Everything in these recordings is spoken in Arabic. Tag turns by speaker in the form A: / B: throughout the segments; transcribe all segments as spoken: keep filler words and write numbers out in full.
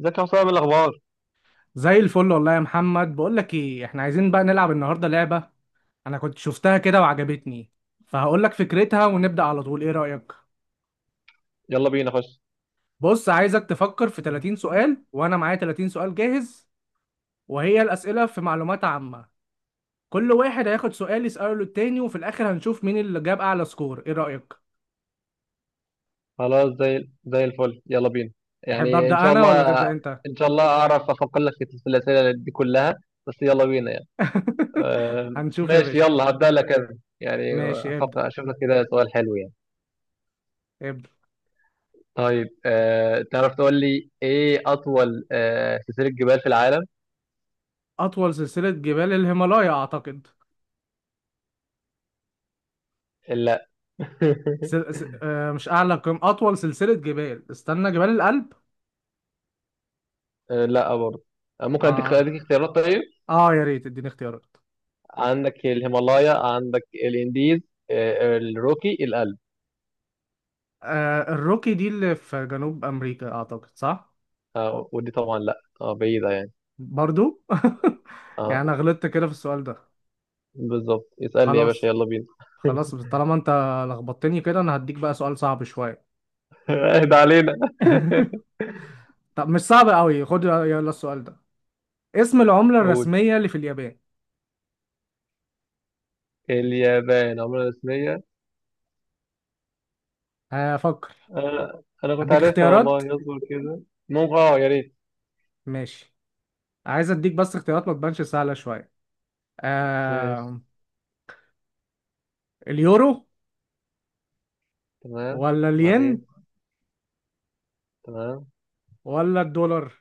A: ازيك يا حسام؟ إيه الاخبار؟
B: زي الفل والله يا محمد، بقول لك ايه، احنا عايزين بقى نلعب النهارده لعبه. انا كنت شفتها كده وعجبتني. فهقول لك فكرتها ونبدا على طول، ايه رايك؟
A: يلا بينا خش.
B: بص، عايزك تفكر في 30 سؤال، وانا معايا 30 سؤال جاهز. وهي الاسئله في معلومات عامه. كل واحد هياخد سؤال يساله للتاني، وفي الاخر هنشوف مين اللي جاب اعلى سكور، ايه رايك؟
A: خلاص، زي زي الفل، يلا بينا
B: تحب
A: يعني، ان
B: ابدا
A: شاء
B: انا ولا
A: الله.
B: تبدا انت؟
A: ان شاء الله اعرف افكر لك في في الاسئله دي كلها، بس يلا بينا يعني. آه.
B: هنشوف يا
A: ماشي،
B: باشا.
A: يلا هبدا لك انا يعني.
B: ماشي ابدا.
A: افكر اشوف لك كده سؤال حلو يعني.
B: ابدا.
A: طيب، آه تعرف تقول لي ايه اطول آه سلسله جبال في العالم؟
B: اطول سلسله جبال الهيمالايا اعتقد.
A: لا.
B: سل... س... آه مش اعلى قمة، اطول سلسلة جبال، استنى، جبال الألب.
A: آه، لا برضه. آه، ممكن اديك
B: اه
A: اديك اختيارات؟ طيب،
B: اه، يا ريت اديني اختيارات.
A: عندك الهيمالايا، عندك الانديز، آه الروكي، الألب.
B: آه الروكي دي اللي في جنوب امريكا اعتقد، صح؟
A: آه، ودي طبعا لا، آه بعيدة يعني.
B: برضو يعني
A: آه.
B: انا غلطت كده في السؤال ده.
A: بالظبط، اسألني يا باشا،
B: خلاص
A: يلا بينا.
B: خلاص، طالما انت لخبطتني كده انا هديك بقى سؤال صعب شوية.
A: اهدى علينا.
B: طب مش صعب قوي، خد يلا السؤال ده. اسم العملة
A: قول.
B: الرسمية اللي في اليابان؟
A: اليابان عملة رسمية؟
B: هفكر.
A: آه، أنا كنت
B: اديك
A: عارفها
B: اختيارات.
A: والله، اصبر كده. ممكن، اه يا ريت.
B: ماشي. عايز اديك بس اختيارات ما تبانش سهلة شوية.
A: ماشي.
B: آه... اليورو،
A: تمام.
B: ولا
A: بعدين.
B: الين،
A: تمام.
B: ولا الدولار.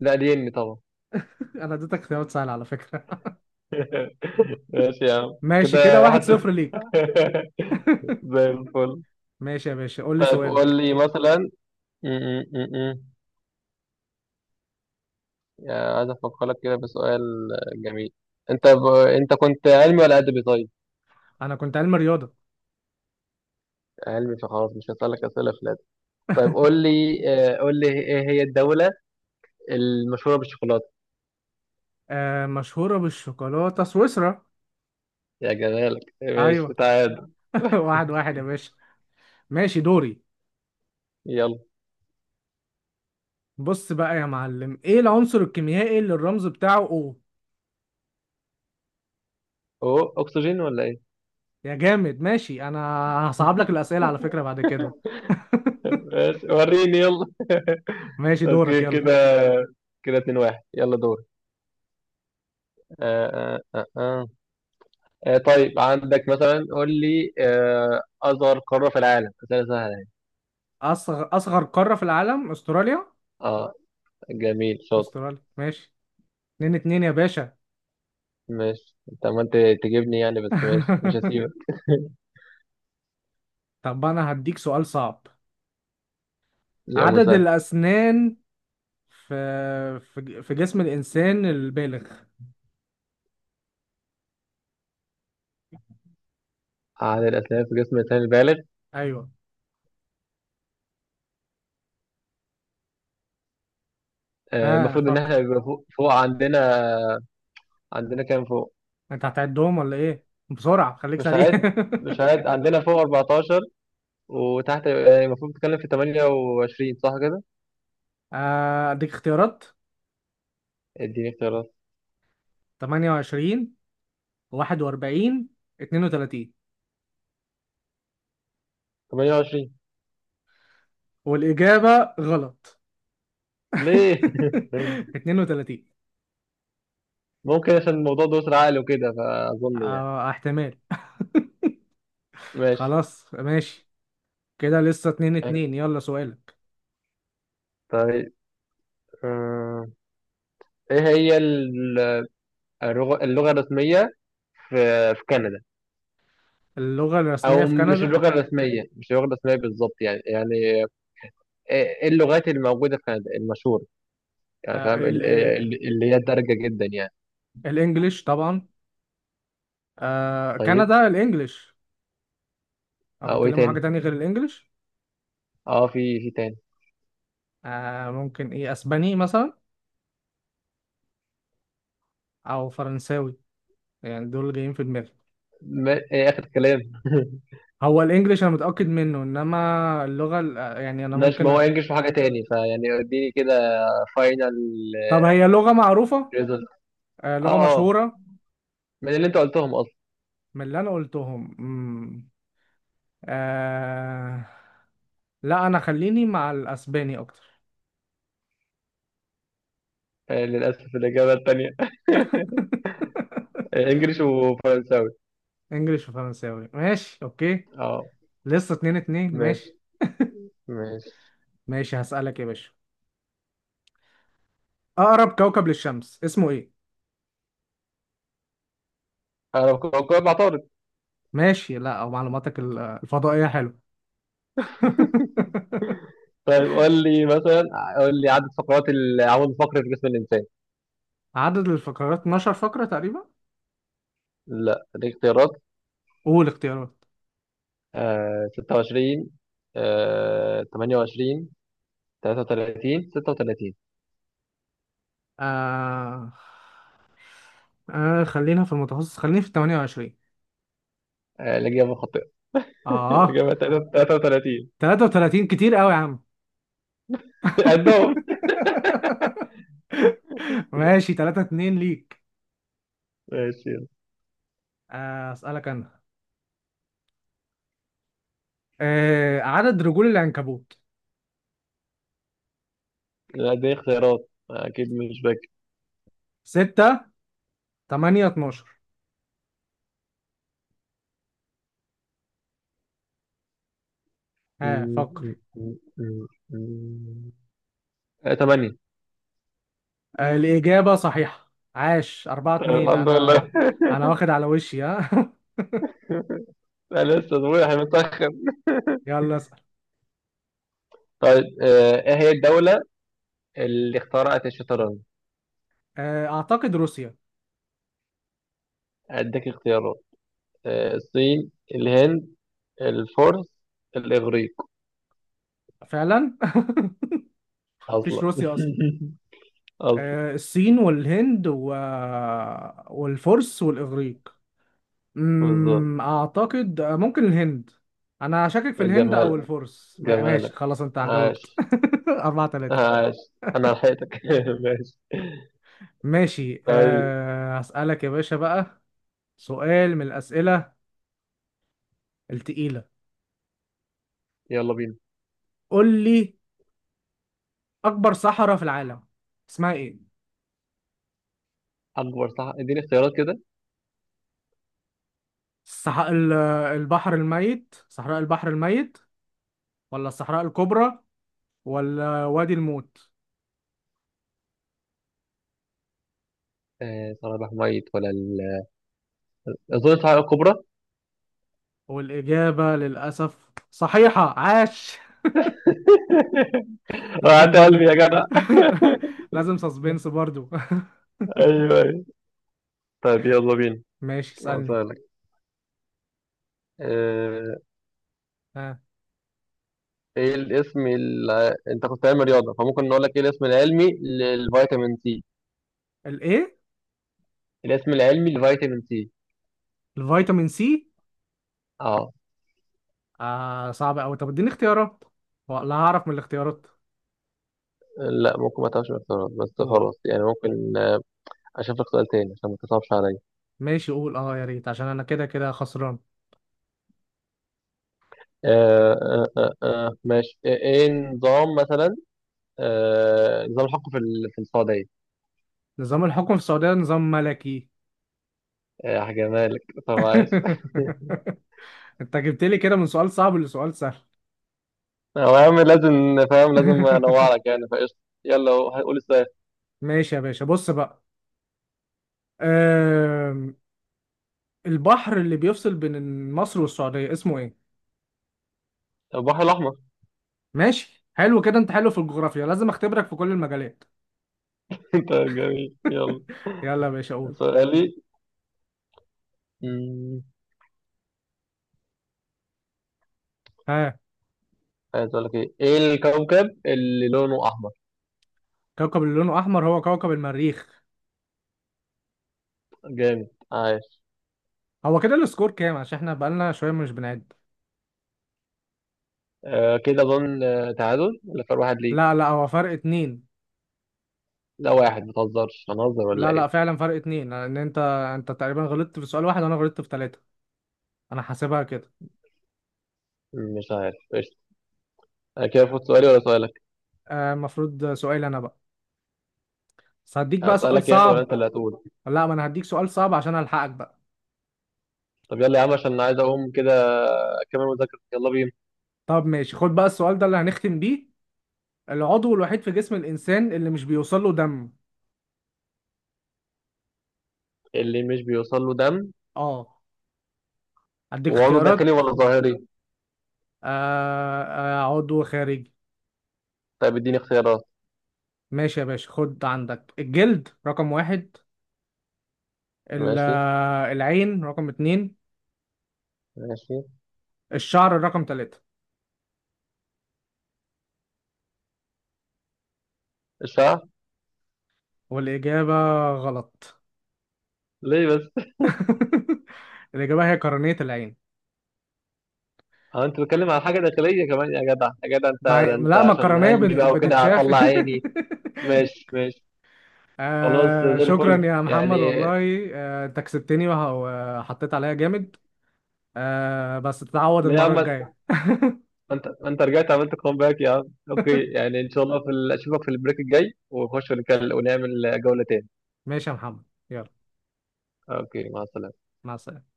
A: لا الين طبعا.
B: انا اديتك اختيارات سهله على فكره.
A: ماشي يا عم
B: ماشي كده،
A: كده. واحد
B: واحد صفر
A: صفر.
B: ليك.
A: زي الفل.
B: ماشي يا باشا، قول لي
A: طيب قول
B: سؤالك.
A: لي مثلا. م- م- م- م. يعني عايز افكر لك كده بسؤال جميل. انت ب... انت كنت علمي ولا ادبي؟ طيب
B: انا كنت علم رياضه.
A: علمي، فخلاص مش هسألك أسئلة في الأدب. طيب قول لي، آه، قول لي إيه هي الدولة المشهورة بالشوكولاتة؟
B: آه مشهوره بالشوكولاته، سويسرا.
A: يا جمالك، ماشي،
B: ايوه
A: تعال.
B: واحد واحد يا باشا. ماشي دوري.
A: يلا.
B: بص بقى يا معلم، ايه العنصر الكيميائي اللي الرمز بتاعه او.
A: أوه، أكسجين ولا إيه؟
B: يا جامد ماشي، انا هصعب لك الاسئله على فكره بعد كده.
A: ماشي، وريني يلا.
B: ماشي دورك
A: أوكي
B: يلا.
A: كده، كده اتنين واحد، يلا دور. آه آه آه آه. آه، طيب عندك مثلا، قول لي، آه، أصغر قارة في العالم؟ أسئلة سهلة يعني.
B: اصغر اصغر قاره في العالم استراليا.
A: آه، جميل، شاطر.
B: استراليا ماشي. اتنين اتنين يا باشا.
A: ماشي، أنت عمال تجيبني يعني، بس ماشي مش هسيبك.
B: طب انا هديك سؤال صعب.
A: يا
B: عدد
A: مسهل.
B: الاسنان في في في جسم الانسان البالغ.
A: عدد الأسنان في جسم الإنسان البالغ؟
B: ايوه.
A: آه،
B: ها
A: المفروض إن
B: فكر.
A: إحنا يبقى فوق, فوق عندنا. عندنا كام فوق؟
B: انت هتعدهم ولا ايه؟ بسرعه، خليك
A: مش
B: سريع.
A: عاد، مش عاد عندنا فوق أربعتاشر، وتحت آه، المفروض تتكلم في تمنية وعشرين، صح كده؟
B: آه، اديك اختيارات.
A: اديني اختيارات.
B: تمانية وعشرين، واحد وأربعين، اتنين وتلاتين.
A: تمنية وعشرين.
B: والاجابه غلط.
A: ليه؟
B: اتنين وتلاتين.
A: ممكن عشان الموضوع ده أسرع عقل وكده، فأظن يعني.
B: آه احتمال.
A: ماشي.
B: خلاص ماشي. كده لسه اتنين اتنين. يلا سؤالك.
A: طيب، آه، إيه هي ال- اللغة اللغة الرسمية في في كندا؟
B: اللغة الرسمية
A: أو
B: في
A: مش
B: كندا.
A: اللغة الرسمية، مش اللغة الرسمية بالظبط يعني، يعني إيه إيه اللغات اللي موجودة في كندا المشهورة يعني،
B: آه،
A: فاهم؟
B: ال-
A: ال-
B: آه،
A: ال- اللي هي الدارجة جدا يعني.
B: الانجليش طبعا. آه
A: طيب.
B: كندا الانجليش. او
A: اه، وايه
B: بيتكلموا حاجه
A: تاني؟
B: تانية غير الانجليش؟
A: اه، في في تاني؟
B: آه ممكن ايه، اسباني مثلا، او فرنساوي. يعني دول اللي جايين في دماغي.
A: ما ايه اخر كلام.
B: هو الانجليش انا متاكد منه، انما اللغه ال- آه، يعني انا
A: مش
B: ممكن
A: ما هو
B: أ...
A: ينجش في حاجة تاني، فيعني اديني كده فاينل
B: طب هي لغه معروفه.
A: ريزلت.
B: آه لغه
A: اه اه.
B: مشهوره.
A: من اللي انت قلتهم اصلا.
B: من اللي انا قلتهم. مم. آه... لا، انا خليني مع الاسباني اكتر.
A: آه، للاسف الاجابة التانية. انجلش وفرنساوي.
B: انجليش وفرنساوي، ماشي اوكي.
A: اه.
B: لسه اتنين اتنين
A: ماشي
B: ماشي.
A: ماشي.
B: ماشي هسألك يا باشا. اقرب كوكب للشمس اسمه ايه؟
A: انا كنت بقول مع طارق.
B: ماشي. لا، او معلوماتك ال- الفضائية حلو.
A: طيب قول لي مثلا، قول لي عدد فقرات العمود الفقري في جسم الانسان.
B: عدد الفقرات 12 فقرة تقريبا.
A: لا دي اختيارات.
B: قول اختيارات.
A: آه ستة وعشرين، آه ثمانية وعشرون، تلاتة وتلاتين، ستة وتلاتين.
B: آه... آه خلينا في المتوسط، خليني في تمانية وعشرين.
A: آه، الإجابة خاطئة.
B: اه،
A: الإجابة تلاتة وتلاتين.
B: تلاتة وتلاتين كتير قوي يا عم.
A: قدهم.
B: ماشي تلاتة اتنين ليك.
A: ماشي يلا.
B: آه اسألك انا. آه عدد رجول العنكبوت.
A: لا، دي اختيارات أكيد مش فاكر.
B: ستة، تمانية، اتناشر. ها
A: م-
B: فكر.
A: م- م- م- م- آه، تمانية.
B: آه، الإجابة صحيحة، عاش. أربعة
A: طيب
B: اتنين
A: الحمد
B: أنا.
A: لله.
B: أنا واخد على وشي، ها
A: أنا لسه صبحي متأخر.
B: يلا اسأل.
A: طيب، آه، إيه هي الدولة اللي اخترعت الشطرنج؟
B: آه، أعتقد روسيا.
A: أديك اختيارات، آه، الصين، الهند، الفرس، الإغريق.
B: فعلا. مفيش
A: أصلا.
B: روسيا أصلا.
A: أصلا.
B: آه، الصين والهند و... والفرس والإغريق.
A: بالظبط.
B: أمم، أعتقد آه، ممكن الهند. أنا شاكك في الهند أو
A: جمالك،
B: الفرس، ما- ماشي
A: جمالك،
B: خلاص، أنت
A: عاش،
B: جاوبت. أربعة تلاتة.
A: عاش. انا لحقتك. ماشي.
B: ماشي.
A: طيب
B: أه هسألك يا باشا بقى. سؤال من الأسئلة التقيلة.
A: يلا بينا.
B: قول لي، اكبر صحراء في العالم اسمها ايه؟
A: اكبر صح، اديني اختيارات كده.
B: الصح... ال- البحر الميت، صحراء البحر الميت، ولا الصحراء الكبرى، ولا وادي الموت.
A: آه، صوابع ميت ولا ال... اظن الصحراء الكبرى.
B: والاجابه للاسف صحيحه، عاش. لازم
A: وقعت
B: برضو.
A: قلبي يا جدع.
B: لازم سسبنس برضو.
A: ايوه ايوه. طيب يلا بينا.
B: ماشي اسالني.
A: هسألك، آه،
B: ها.
A: ايه الاسم ال... انت كنت علم رياضه، فممكن نقول لك ايه الاسم العلمي للفيتامين سي؟
B: الايه؟
A: الاسم العلمي للفيتامين سي.
B: الفيتامين سي؟
A: اه.
B: آه صعب قوي. طب اديني اختيارات ولا هعرف من الاختيارات.
A: لا ممكن ما تعرفش الاختيارات، بس
B: قول.
A: خلاص يعني، ممكن، آه، اشوف لك سؤال تاني عشان ما تصعبش عليا.
B: ماشي قول، اه يا ريت، عشان انا كده كده خسران.
A: آه آه آه آه ماشي. آه، ايه نظام مثلا، آه نظام الحكم في ال- في السعودية؟
B: نظام الحكم في السعوديه نظام ملكي.
A: آه، هجيبها لك. طب عايز.
B: انت جبت لي كده من سؤال صعب لسؤال سهل.
A: هو يا عم لازم، فاهم؟ لازم انوع لك يعني، فقشطة. يلا هو- هنقول السؤال.
B: ماشي يا باشا، بص بقى. أم... البحر اللي بيفصل بين مصر والسعودية اسمه ايه؟
A: البحر الأحمر.
B: ماشي حلو كده، انت حلو في الجغرافيا. لازم اختبرك في كل المجالات.
A: انت جميل، يلا.
B: يلا يا باشا قول.
A: سؤالي، مم،
B: ها.
A: عايز اقول لك ايه، ايه الكوكب اللي لونه احمر؟
B: كوكب اللي لونه احمر هو كوكب المريخ.
A: جامد، عايش.
B: هو كده السكور كام؟ عشان احنا بقالنا شويه مش بنعد.
A: آه كده اظن، آه، تعادل ولا فرق واحد ليك؟
B: لا لا، هو فرق اتنين.
A: لا واحد، ما تهزرش، هنهزر ولا
B: لا لا
A: ايه؟
B: فعلا، فرق اتنين، لان انت انت تقريبا غلطت في سؤال واحد، وانا غلطت في ثلاثه. انا حاسبها كده.
A: مش عارف، قشطة. انا كده فوت سؤالي ولا سؤالك؟
B: آه، المفروض سؤال انا بقى، بس هديك بقى سؤال
A: هسألك يعني ولا انت
B: صعب.
A: اللي هتقول؟
B: لا، ما انا هديك سؤال صعب عشان الحقك بقى.
A: طب يلا يا عم، عشان انا عايز اقوم كده اكمل مذاكرة، يلا بينا.
B: طب ماشي، خد بقى السؤال ده اللي هنختم بيه. العضو الوحيد في جسم الانسان اللي مش بيوصل له دم؟
A: اللي مش بيوصل له دم؟
B: اه. هديك
A: وعضو داخلي
B: اختيارات.
A: ولا ظاهري؟
B: آه آه، عضو خارجي.
A: طيب اديني اختيارات.
B: ماشي يا باشا، خد عندك الجلد رقم واحد، ال-
A: ماشي.
B: آه، العين رقم اتنين،
A: ماشي.
B: الشعر رقم تلاتة.
A: الشعر.
B: والإجابة غلط.
A: ليه بس؟
B: الإجابة هي قرنية العين.
A: اه انت بتتكلم على حاجة داخلية كمان يا جدع، يا جدع انت،
B: مع...
A: ده انت
B: لا،
A: عشان
B: مكرونية
A: علمي
B: بت-
A: بقى وكده
B: بتتشاف.
A: هطلع عيني. ماشي ماشي. خلاص
B: آه
A: زي
B: شكرا
A: الفل
B: يا محمد
A: يعني.
B: والله، آه انت كسبتني وه- وحطيت عليا جامد. آه بس تتعوض
A: ليه يا عم؟
B: المرة
A: ما
B: الجاية.
A: انت، ما انت رجعت عملت كومباك يا عم. اوكي يعني، ان شاء الله في ال- اشوفك في البريك الجاي، ونخش ونكل- ونعمل جولة تاني.
B: ماشي يا محمد. يلا.
A: اوكي، مع السلامة.
B: مع السلامة.